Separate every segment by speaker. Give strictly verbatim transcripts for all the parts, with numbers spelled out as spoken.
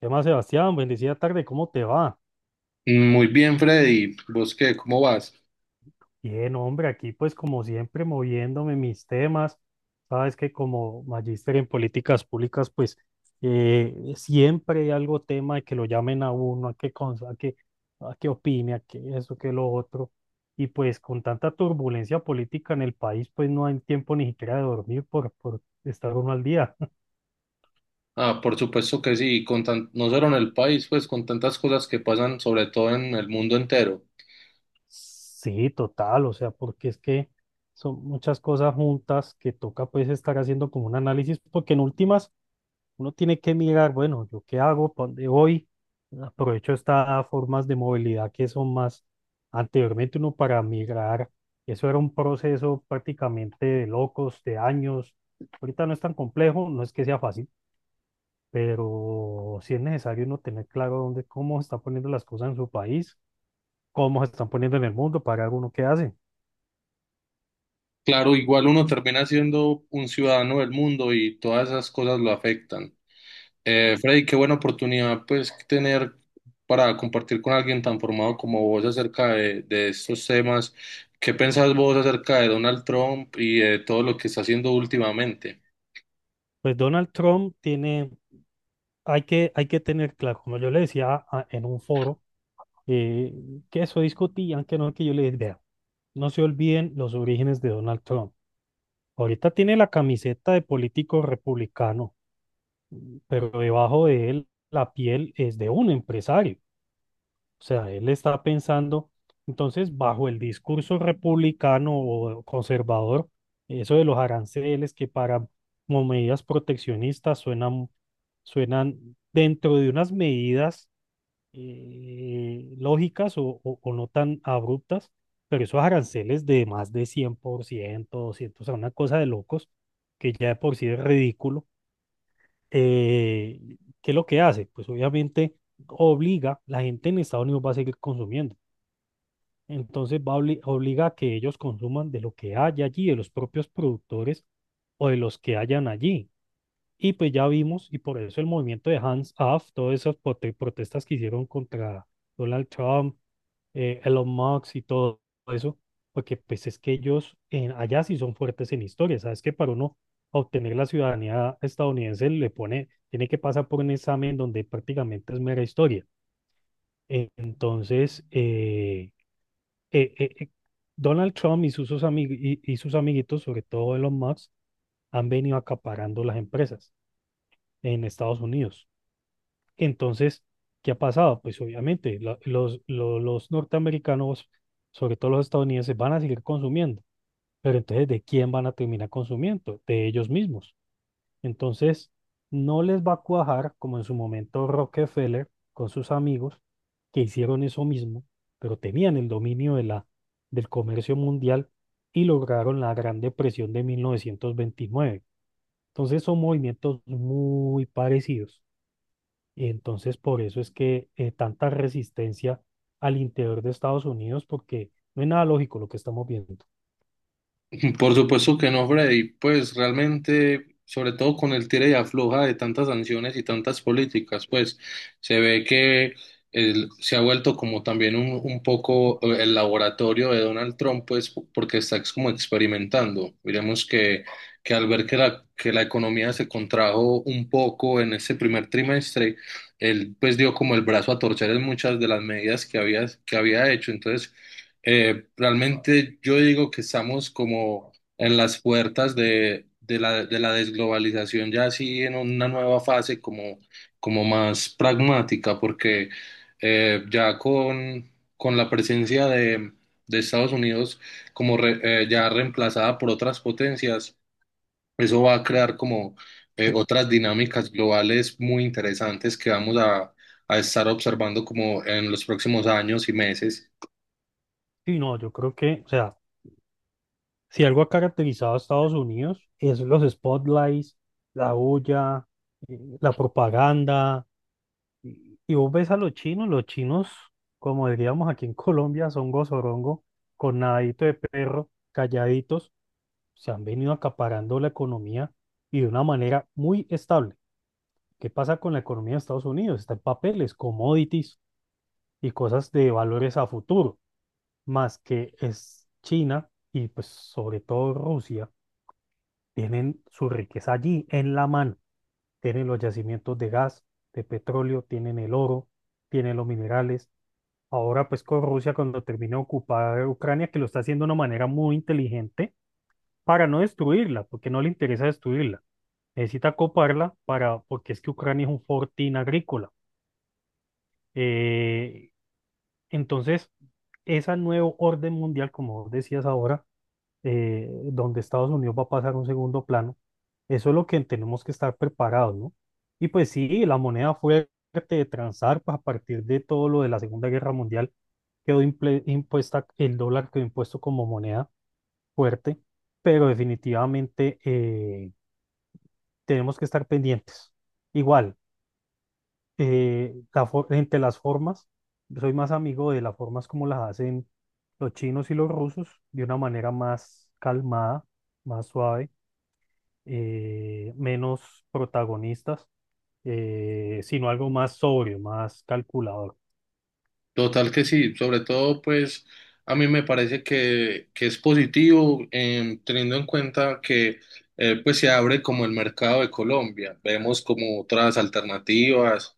Speaker 1: ¿Qué más, Sebastián? Bendecida tarde, ¿cómo te va?
Speaker 2: Muy bien, Freddy. ¿Vos qué? ¿Cómo vas?
Speaker 1: Bien, hombre, aquí pues como siempre moviéndome mis temas. Sabes que como magíster en políticas públicas, pues eh, siempre hay algo tema de que lo llamen a uno, a que, cons- a que, a que opine, a que eso, que lo otro. Y pues con tanta turbulencia política en el país, pues no hay tiempo ni siquiera de dormir por, por estar uno al día.
Speaker 2: Ah, por supuesto que sí, con tan- no solo en el país, pues con tantas cosas que pasan, sobre todo en el mundo entero.
Speaker 1: Sí, total, o sea, porque es que son muchas cosas juntas que toca pues estar haciendo como un análisis, porque en últimas uno tiene que mirar, bueno, ¿yo qué hago? ¿Para dónde voy? Aprovecho estas formas de movilidad que son más, anteriormente uno para migrar, eso era un proceso prácticamente de locos, de años, ahorita no es tan complejo, no es que sea fácil, pero sí es necesario uno tener claro dónde, cómo está poniendo las cosas en su país cómo se están poniendo en el mundo, pagar uno qué hace.
Speaker 2: Claro, igual uno termina siendo un ciudadano del mundo y todas esas cosas lo afectan. Eh, Freddy, qué buena oportunidad, pues, tener para compartir con alguien tan formado como vos acerca de, de estos temas. ¿Qué pensás vos acerca de Donald Trump y de todo lo que está haciendo últimamente?
Speaker 1: Pues Donald Trump tiene, hay que, hay que tener claro, como yo le decía a- en un foro, eh, que eso discutían, que no, que yo le dije, "Vea, no se olviden los orígenes de Donald Trump. Ahorita tiene la camiseta de político republicano, pero debajo de él la piel es de un empresario. O sea, él está pensando, entonces, bajo el discurso republicano o conservador, eso de los aranceles que para como medidas proteccionistas suenan, suenan dentro de unas medidas eh, lógicas o, o- o no tan abruptas, pero esos aranceles de más de cien por ciento, doscientos, o sea, una cosa de locos, que ya de por sí es ridículo. Eh, ¿Qué es lo que hace? Pues obviamente obliga, la gente en Estados Unidos va a seguir consumiendo. Entonces va obli- obliga a que ellos consuman de lo que haya allí, de los propios productores o de los que hayan allí. Y pues ya vimos, y por eso el movimiento de Hands Off, todas esas prote- protestas que hicieron contra Donald Trump, eh, Elon Musk y todo eso, porque pues es que ellos en, allá sí son fuertes en historia. Sabes que para uno obtener la ciudadanía estadounidense le pone, tiene que pasar por un examen donde prácticamente es mera historia. Eh, Entonces, eh, eh, eh, eh, Donald Trump y sus, sus amig- y, y sus amiguitos, sobre todo Elon Musk, han venido acaparando las empresas en Estados Unidos. Entonces, ¿qué ha pasado? Pues obviamente la- los, lo- los norteamericanos, sobre todo los estadounidenses, van a seguir consumiendo, pero entonces, ¿de quién van a terminar consumiendo? De ellos mismos. Entonces, no les va a cuajar como en su momento Rockefeller con sus amigos que hicieron eso mismo, pero tenían el dominio de la, del comercio mundial y lograron la Gran Depresión de mil novecientos veintinueve. Entonces, son movimientos muy parecidos. Y entonces, por eso es que eh, tanta resistencia al interior de Estados Unidos, porque no es nada lógico lo que estamos viendo.
Speaker 2: Por supuesto que no, Freddy. Pues realmente, sobre todo con el tira y afloja de tantas sanciones y tantas políticas, pues se ve que el- se ha vuelto como también un, un poco eh, el laboratorio de Donald Trump, pues porque está ex- como experimentando. Miremos que, que al ver que la, que la economía se contrajo un poco en ese primer trimestre, él pues dio como el brazo a torcer en muchas de las medidas que había, que había hecho. Entonces, eh, realmente yo digo que estamos como en las puertas de, de la, de la desglobalización, ya así en una nueva fase como, como más pragmática, porque eh, ya con, con la presencia de, de Estados Unidos como re- eh, ya reemplazada por otras potencias, eso va a crear como eh, otras dinámicas globales muy interesantes que vamos a, a estar observando como en los próximos años y meses.
Speaker 1: Sí, no, yo creo que, o sea, si algo ha caracterizado a Estados Unidos es los spotlights, la bulla, eh, la propaganda. Y y vos ves a los chinos, los chinos, como diríamos aquí en Colombia, son gozorongo, con nadadito de perro, calladitos, se han venido acaparando la economía y de una manera muy estable. ¿Qué pasa con la economía de Estados Unidos? Está en papeles, commodities y cosas de valores a futuro, más que es China y pues sobre todo Rusia tienen su riqueza allí, en la mano. Tienen los yacimientos de gas, de petróleo, tienen el oro, tienen los minerales. Ahora pues con Rusia cuando termine de ocupar Ucrania, que lo está haciendo de una manera muy inteligente para no destruirla, porque no le interesa destruirla. Necesita coparla para, porque es que Ucrania es un fortín agrícola. Eh, entonces, ese nuevo orden mundial, como vos decías ahora, eh, donde Estados Unidos va a pasar a un segundo plano. Eso es lo que tenemos que estar preparados, ¿no? Y pues sí, la moneda fuerte de transar, pues a partir de todo lo de la Segunda Guerra Mundial, quedó imple- impuesta, el dólar quedó impuesto como moneda fuerte, pero definitivamente eh, tenemos que estar pendientes. Igual, eh, la for- entre las formas, soy más amigo de las formas como las hacen los chinos y los rusos, de una manera más calmada, más suave eh, menos protagonistas, eh, sino algo más sobrio, más calculador.
Speaker 2: Total que sí, sobre todo pues a mí me parece que, que es positivo em, teniendo en cuenta que eh, pues se abre como el mercado de Colombia, vemos como otras alternativas.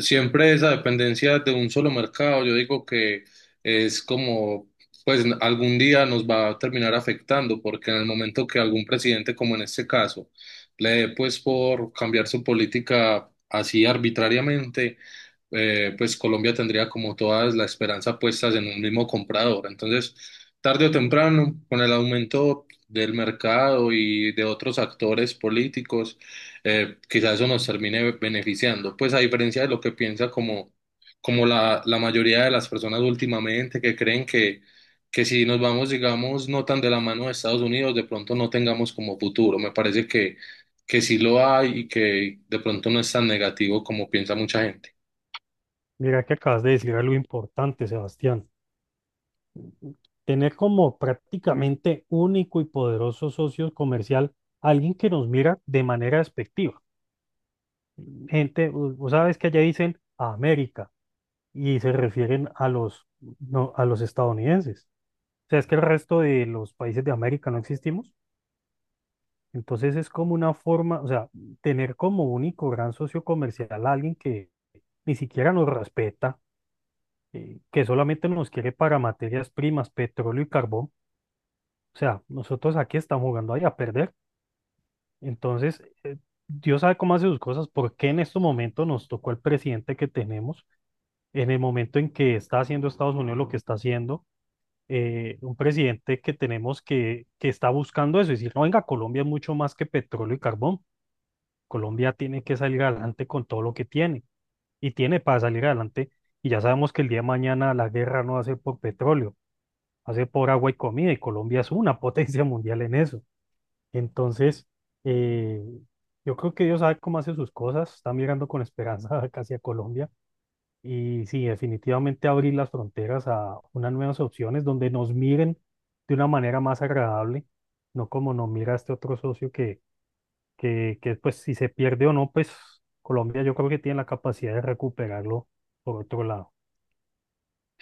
Speaker 2: Siempre esa dependencia de un solo mercado, yo digo que es como, pues algún día nos va a terminar afectando, porque en el momento que algún presidente, como en este caso, le dé pues por cambiar su política así arbitrariamente, eh, pues Colombia tendría como todas la esperanza puestas en un mismo comprador. Entonces, tarde o temprano, con el aumento del mercado y de otros actores políticos, eh, quizás eso nos termine beneficiando. Pues a diferencia de lo que piensa como, como la, la mayoría de las personas últimamente que creen que, que si nos vamos, digamos, no tan de la mano de Estados Unidos, de pronto no tengamos como futuro. Me parece que, que sí lo hay y que de pronto no es tan negativo como piensa mucha gente.
Speaker 1: Mira que acabas de decir algo importante, Sebastián. Tener como prácticamente único y poderoso socio comercial alguien que nos mira de manera despectiva. Gente, u- vos sabes que allá dicen a América y se refieren a los, no, a los estadounidenses. O sea, es que el resto de los países de América no existimos. Entonces es como una forma, o sea, tener como único gran socio comercial a alguien que ni siquiera nos respeta, eh, que solamente nos quiere para materias primas, petróleo y carbón. O sea, nosotros aquí estamos jugando ahí a perder. Entonces, eh, Dios sabe cómo hace sus cosas, por qué en este momento nos tocó el presidente que tenemos, en el momento en que está haciendo Estados Unidos lo que está haciendo, eh, un presidente que tenemos que, que está buscando eso, es decir, no, venga, Colombia es mucho más que petróleo y carbón. Colombia tiene que salir adelante con todo lo que tiene y tiene para salir adelante. Y ya sabemos que el día de mañana la guerra no va a ser por petróleo, va a ser por agua y comida y Colombia es una potencia mundial en eso. Entonces, eh, yo creo que Dios sabe cómo hace sus cosas, está mirando con esperanza casi a Colombia y sí, definitivamente abrir las fronteras a unas nuevas opciones donde nos miren de una manera más agradable, no como nos mira este otro socio que que, que pues si se pierde o no, pues Colombia yo creo que tiene la capacidad de recuperarlo por otro lado.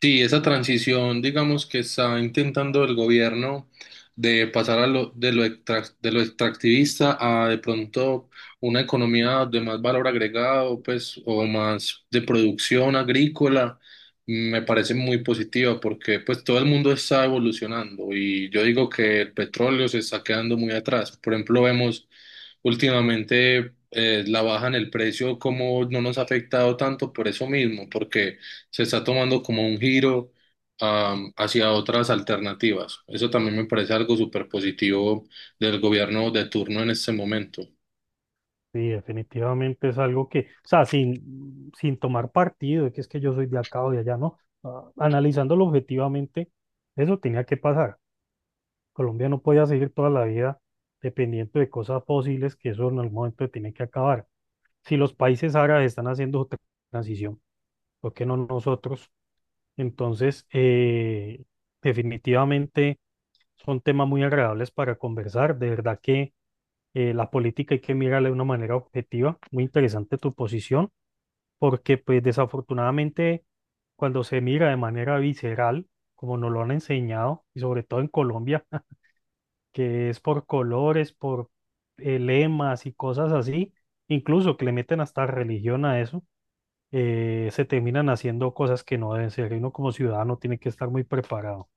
Speaker 2: Sí, esa transición, digamos que está intentando el gobierno de pasar a lo, de lo, extrac- de lo extractivista a de pronto una economía de más valor agregado, pues, o más de producción agrícola, me parece muy positiva porque pues todo el mundo está evolucionando y yo digo que el petróleo se está quedando muy atrás. Por ejemplo, vemos últimamente eh, la baja en el precio, como no nos ha afectado tanto por eso mismo, porque se está tomando como un giro am, hacia otras alternativas. Eso también me parece algo súper positivo del gobierno de turno en este momento.
Speaker 1: Sí, definitivamente es algo que, o sea, sin, sin tomar partido, que es que yo soy de acá o de allá, ¿no? Ah, analizándolo objetivamente, eso tenía que pasar. Colombia no podía seguir toda la vida dependiendo de cosas fósiles, que eso en algún momento tiene que acabar. Si los países árabes están haciendo su tra- transición, ¿por qué no nosotros? Entonces, eh, definitivamente son temas muy agradables para conversar. De verdad que eh, la política hay que mirarla de una manera objetiva. Muy interesante tu posición, porque pues desafortunadamente cuando se mira de manera visceral, como nos lo han enseñado, y sobre todo en Colombia, que es por colores, por eh, lemas y cosas así, incluso que le meten hasta religión a eso, eh, se terminan haciendo cosas que no deben ser. Y uno como ciudadano tiene que estar muy preparado.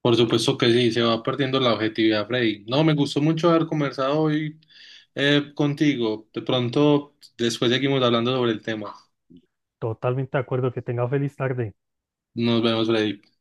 Speaker 2: Por supuesto que sí, se va perdiendo la objetividad, Freddy. No, me gustó mucho haber conversado hoy eh, contigo. De pronto, después seguimos hablando sobre el tema.
Speaker 1: Totalmente de acuerdo, que tenga feliz tarde.
Speaker 2: Nos vemos, Freddy.